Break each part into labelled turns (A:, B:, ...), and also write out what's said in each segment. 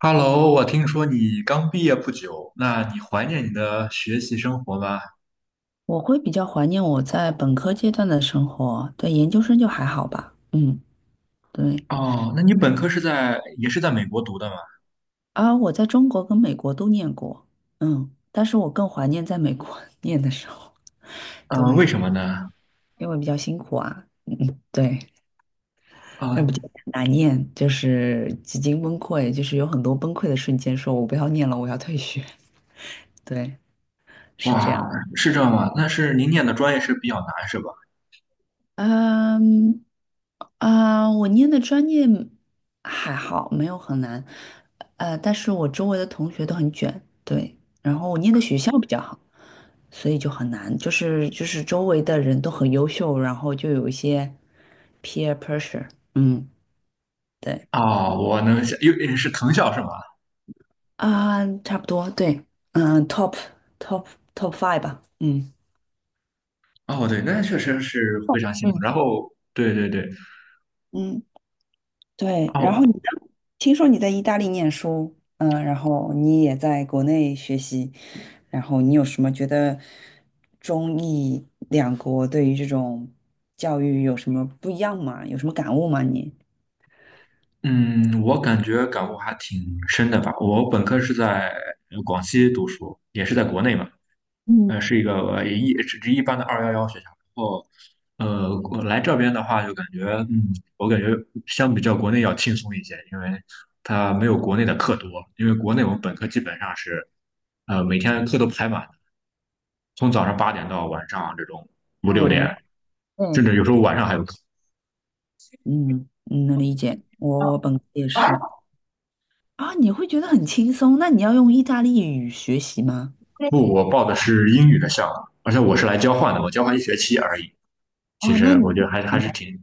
A: Hello，我听说你刚毕业不久，那你怀念你的学习生活吗？
B: 我会比较怀念我在本科阶段的生活，对，研究生就还好吧。嗯，对。
A: 哦，那你本科也是在美国读的吗？
B: 啊，我在中国跟美国都念过，嗯，但是我更怀念在美国 念的时候，
A: 为
B: 对，
A: 什么呢？
B: 因为比较辛苦啊，对，那不就
A: 啊、
B: 难念，就是几经崩溃，就是有很多崩溃的瞬间，说我不要念了，我要退学，对，是这
A: 哇，
B: 样。
A: 是这样吗？那是您念的专业是比较难是吧？
B: 嗯，啊，我念的专业还好，没有很难，但是我周围的同学都很卷，对，然后我念的学校比较好，所以就很难，就是周围的人都很优秀，然后就有一些 peer pressure,嗯，对，
A: 哦，我能想，有是藤校是吗？
B: 啊，差不多，对，嗯，top top five 吧，嗯
A: 哦，对，那确实是非常辛苦。
B: 嗯，
A: 然后，对对对，
B: 嗯。对，然后你
A: 哦，
B: 呢？听说你在意大利念书，嗯，然后你也在国内学习，然后你有什么觉得中意两国对于这种教育有什么不一样吗？有什么感悟吗？你？
A: 嗯，我感觉感悟还挺深的吧。我本科是在广西读书，也是在国内嘛。
B: 嗯，
A: 是一个只是一般的211学校。然后，我来这边的话，就感觉，嗯，我感觉相比较国内要轻松一些，因为它没有国内的课多。因为国内我们本科基本上是，每天课都排满，从早上8点到晚上这种五
B: 那
A: 六
B: 我理解，
A: 点，甚
B: 嗯，
A: 至有时候晚上还有课。
B: 嗯能理解，我本科也是啊，你会觉得很轻松，那你要用意大利语学习吗？
A: 不，我报的是英语的项目，而且我是来交换的，我交换一学期而已。其
B: 哦，
A: 实我觉得还是挺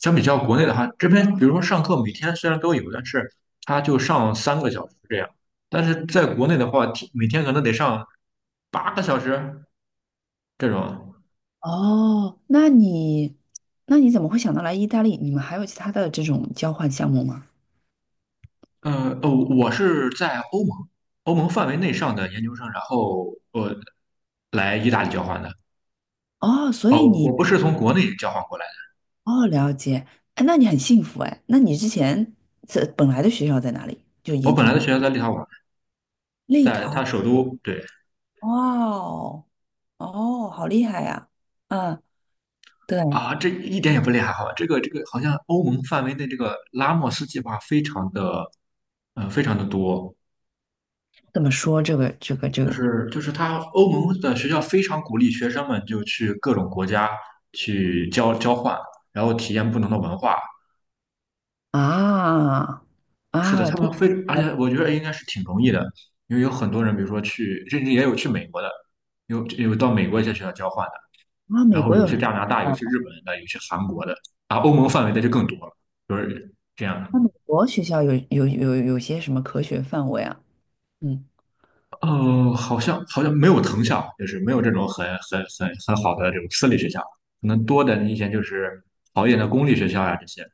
A: 相比较国内的话，这边比如说上课每天虽然都有，但是他就上3个小时这样，但是在国内的话，每天可能得上8个小时这种。
B: 哦，那你怎么会想到来意大利？你们还有其他的这种交换项目吗？
A: 哦，我是在欧盟范围内上的研究生，然后我来意大利交换的。
B: 哦，所以
A: 哦，我
B: 你
A: 不是从国内交换过来的，
B: 哦，了解，哎，那你很幸福哎。那你之前这本来的学校在哪里？就
A: 我
B: 研
A: 本
B: 究
A: 来的
B: 生
A: 学校在立陶宛，
B: 立
A: 在它
B: 陶，
A: 首都。对
B: 哇哦，哦，好厉害呀！啊，对，
A: 啊，这一点也不厉害哈。这个好像欧盟范围内这个拉莫斯计划非常的，非常的多。
B: 怎么说这个这个这
A: 就
B: 个
A: 是就是他欧盟的学校非常鼓励学生们就去各种国家去交换，然后体验不同的文化。
B: 啊
A: 是的，
B: 啊
A: 他们
B: 都
A: 非而
B: 啊，
A: 且我觉得应该是挺容易的，因为有很多人，比如说去，甚至也有去美国的，有到美国一些学校交换的，
B: 啊美
A: 然后
B: 国
A: 有
B: 有什
A: 些
B: 么
A: 加拿大，有些日
B: 啊？
A: 本的，有些韩国的，啊，欧盟范围的就更多了，就是这样的。
B: 那美国学校有些什么科学范围啊？嗯，
A: 哦，好像没有藤校，就是没有这种很好的这种私立学校，可能多的你以前就是好一点的公立学校呀、这些。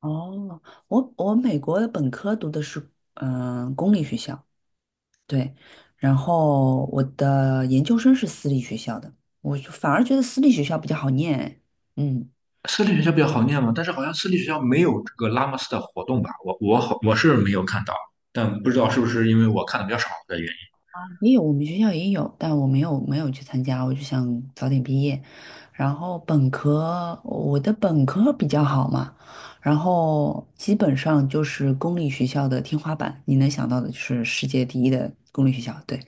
B: 哦，美国的本科读的是公立学校，对，然后我的研究生是私立学校的，我就反而觉得私立学校比较好念。嗯，
A: 私立学校比较好念嘛，但是好像私立学校没有这个拉莫斯的活动吧？我是没有看到，但不知道是不是因为我看的比较少的原因。
B: 也有我们学校也有，但我没有去参加，我就想早点毕业。然后本科，我的本科比较好嘛，然后基本上就是公立学校的天花板，你能想到的就是世界第一的公立学校，对。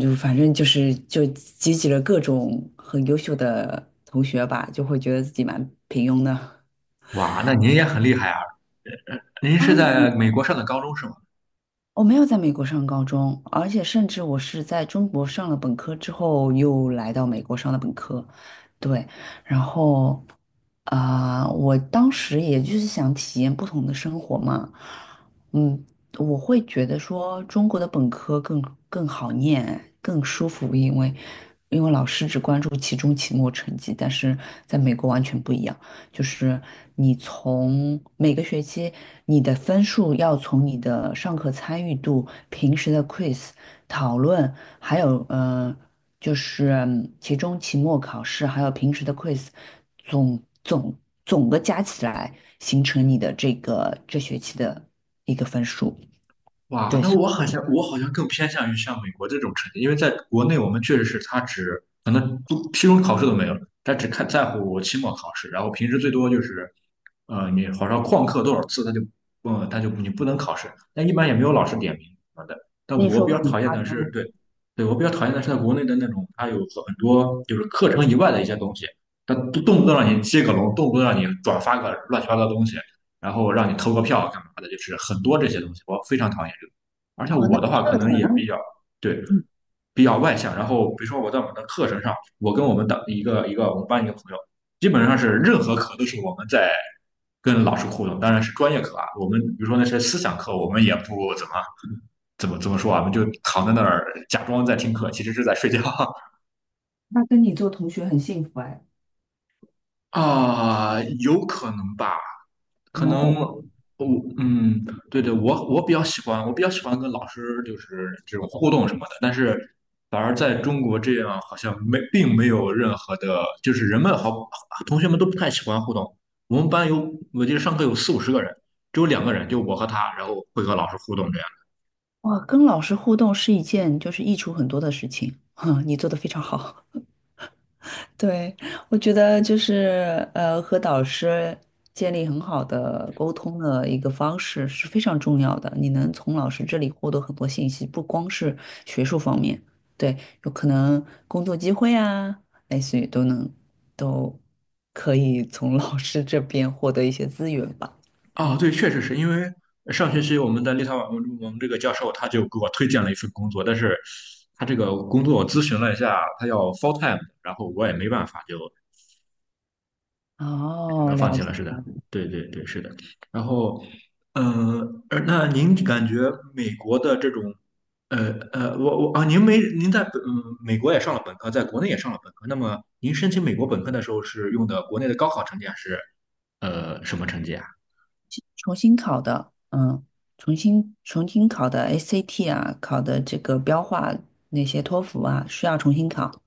B: 就反正就是就集了各种很优秀的同学吧，就会觉得自己蛮平庸的。
A: 哇，那您也很厉害啊！您是
B: 啊，没
A: 在美
B: 有
A: 国上的高中是吗？
B: 我没有在美国上高中，而且甚至我是在中国上了本科之后，又来到美国上的本科。对，然后我当时也就是想体验不同的生活嘛。嗯，我会觉得说中国的本科更好念，更舒服，因为老师只关注期中、期末成绩，但是在美国完全不一样。就是你从每个学期你的分数要从你的上课参与度、平时的 quiz 讨论，还有就是期中、期末考试，还有平时的 quiz,总总总的加起来形成你的这个这学期的一个分数。
A: 哇，
B: 对，
A: 那
B: 所
A: 我好像更偏向于像美国这种成绩，因为在国内我们确实是他只可能不期中考试都没有，他只看在乎期末考试，然后平时最多就是，你好像旷课多少次，他就，你不能考试，但一般也没有老师点名什么的。但
B: 以
A: 我
B: 说
A: 比较
B: 很
A: 讨厌
B: 夸
A: 的是，
B: 张。
A: 对，对我比较讨厌的是在国内的那种，他有很多就是课程以外的一些东西，他动不动让你接个龙，动不动让你转发个乱七八糟的东西。然后让你投个票干嘛的，就是很多这些东西，我非常讨厌这个。而且
B: 哦，那
A: 我的话可
B: 社
A: 能也
B: 团，
A: 比较，对，
B: 嗯
A: 比较外向，然后比如说我在我们的课程上，我跟我们的一个一个我们班一个朋友，基本上是任何课都是我们在跟老师互动，当然是专业课啊。我们比如说那些思想课，我们也不怎么说啊，我们就躺在那儿假装在听课，其实是在睡觉。
B: 那跟你做同学很幸福哎。
A: 啊，有可能吧。
B: 哦，
A: 可能我嗯，对对，我比较喜欢跟老师就是这种互动什么的，但是反而在中国这样好像没并没有任何的，就是人们好同学们都不太喜欢互动。我们班有，我记得上课有四五十个人，只有两个人，就我和他，然后会和老师互动这样。
B: 哇，跟老师互动是一件就是益处很多的事情，哼，你做的非常好。对，我觉得就是和导师建立很好的沟通的一个方式是非常重要的。你能从老师这里获得很多信息，不光是学术方面，对，有可能工作机会啊，类似于都可以从老师这边获得一些资源吧。
A: 啊，
B: 嗯，
A: 对，确实是因为上学期我们在立陶宛，我们这个教授他就给我推荐了一份工作，但是他这个工作我咨询了一下，他要 full time，然后我也没办法，就只
B: 哦，
A: 能
B: 了
A: 放弃了，
B: 解。
A: 是的，对对对，是的。然后，而那您感觉美国的这种，我啊，您没您在美国也上了本科，在国内也上了本科，那么您申请美国本科的时候是用的国内的高考成绩还是什么成绩啊？
B: 重新考的，嗯，重新考的 ACT 啊，考的这个标化那些托福啊，需要重新考。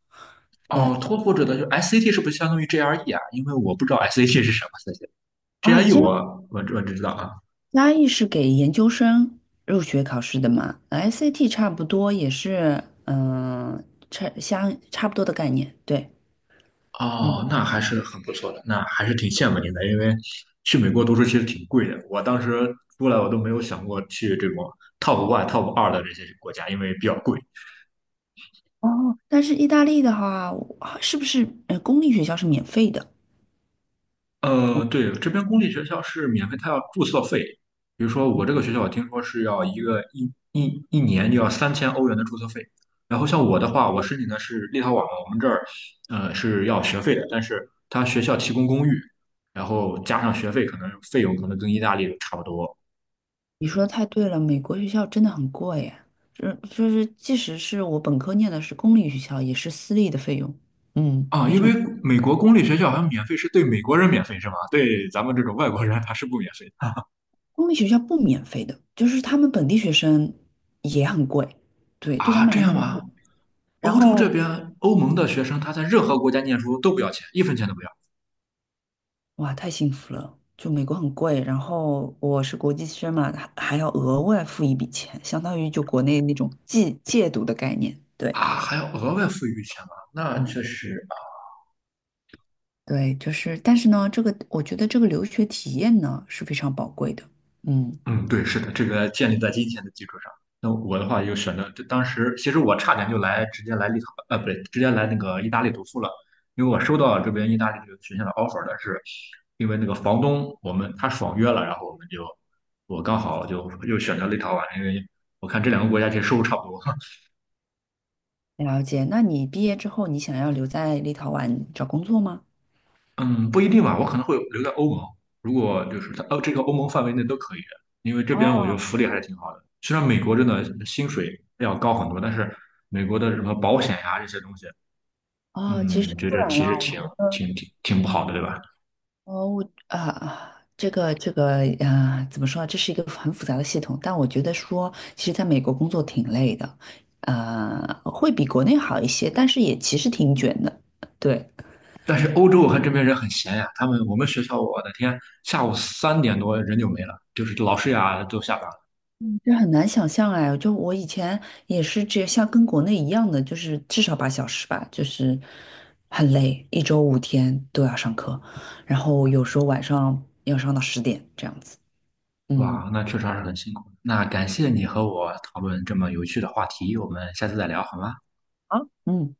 B: 对
A: 哦，托福指的就 SAT 是不是相当于 GRE 啊？因为我不知道 SAT 是什么
B: 啊，
A: ，GRE
B: 加
A: 我只知道啊。
B: 加义是给研究生入学考试的嘛，ACT 差不多也是，嗯、差不多的概念。对，嗯，
A: 哦，那还是很不错的，那还是挺羡慕您的，因为去美国读书其实挺贵的。我当时出来，我都没有想过去这种 top one、top 2的这些国家，因为比较贵。
B: 哦，但是意大利的话，啊是不是公立学校是免费的？
A: 对，这边公立学校是免费，它要注册费。比如说我这个学校，我听说是要一个一年就要3000欧元的注册费。然后像我的话，我申请的是立陶宛嘛，我们这儿是要学费的，但是他学校提供公寓，然后加上学费，可能费用可能跟意大利差不多。
B: 你说的太对了，美国学校真的很贵耶，这就是即使是我本科念的是公立学校，也是私立的费用，嗯，
A: 啊，
B: 非
A: 因
B: 常。
A: 为美国公立学校好像免费是对美国人免费是吗？对咱们这种外国人他是不免费的
B: 公立学校不免费的，就是他们本地学生也很贵，对，对他
A: 啊？
B: 们
A: 这
B: 来
A: 样吗？
B: 说，然
A: 欧洲
B: 后
A: 这边欧盟的学生他在任何国家念书都不要钱，一分钱都不要
B: 哇，太幸福了，就美国很贵，然后我是国际生嘛，还要额外付一笔钱，相当于就国内那种借读的概念，对。
A: 啊？还要额外付一笔钱吗？那
B: 嗯。
A: 确实，
B: 对，就是，但是呢，这个我觉得这个留学体验呢是非常宝贵的。嗯。
A: 嗯，对，是的，这个建立在金钱的基础上。那我的话又选择，这当时其实我差点就来直接来立陶，不对，直接来那个意大利读书了，因为我收到这边意大利这个学校的 offer，的是因为那个房东我们他爽约了，然后我刚好就又选择立陶宛，因为我看这两个国家其实收入差不多。
B: 了解。那你毕业之后，你想要留在立陶宛找工作吗？
A: 嗯，不一定吧，我可能会留在欧盟。如果就是这个欧盟范围内都可以，因为这边我
B: 哦，
A: 觉得福利还是挺好的。虽然美国真的薪水要高很多，但是美国的什么保险呀、这些东西，
B: 哦，其实
A: 嗯，觉
B: 不
A: 得
B: 然
A: 其实
B: 啊，我觉得，
A: 挺不好的，对吧？
B: 哦，我啊啊，这个啊，怎么说呢？这是一个很复杂的系统，但我觉得说，其实在美国工作挺累的，会比国内好一些，但是也其实挺卷的，对。
A: 但是欧洲我看这边人很闲呀，我们学校，我的天，下午3点多人就没了，就是老师呀都下班了。
B: 这很难想象哎，就我以前也是这像跟国内一样的，就是至少八小时吧，就是很累，一周五天都要上课，然后有时候晚上要上到十点这样子。嗯，
A: 哇，那确实还是很辛苦。那感谢你和我讨论这么有趣的话题，我们下次再聊好吗？
B: 啊，嗯。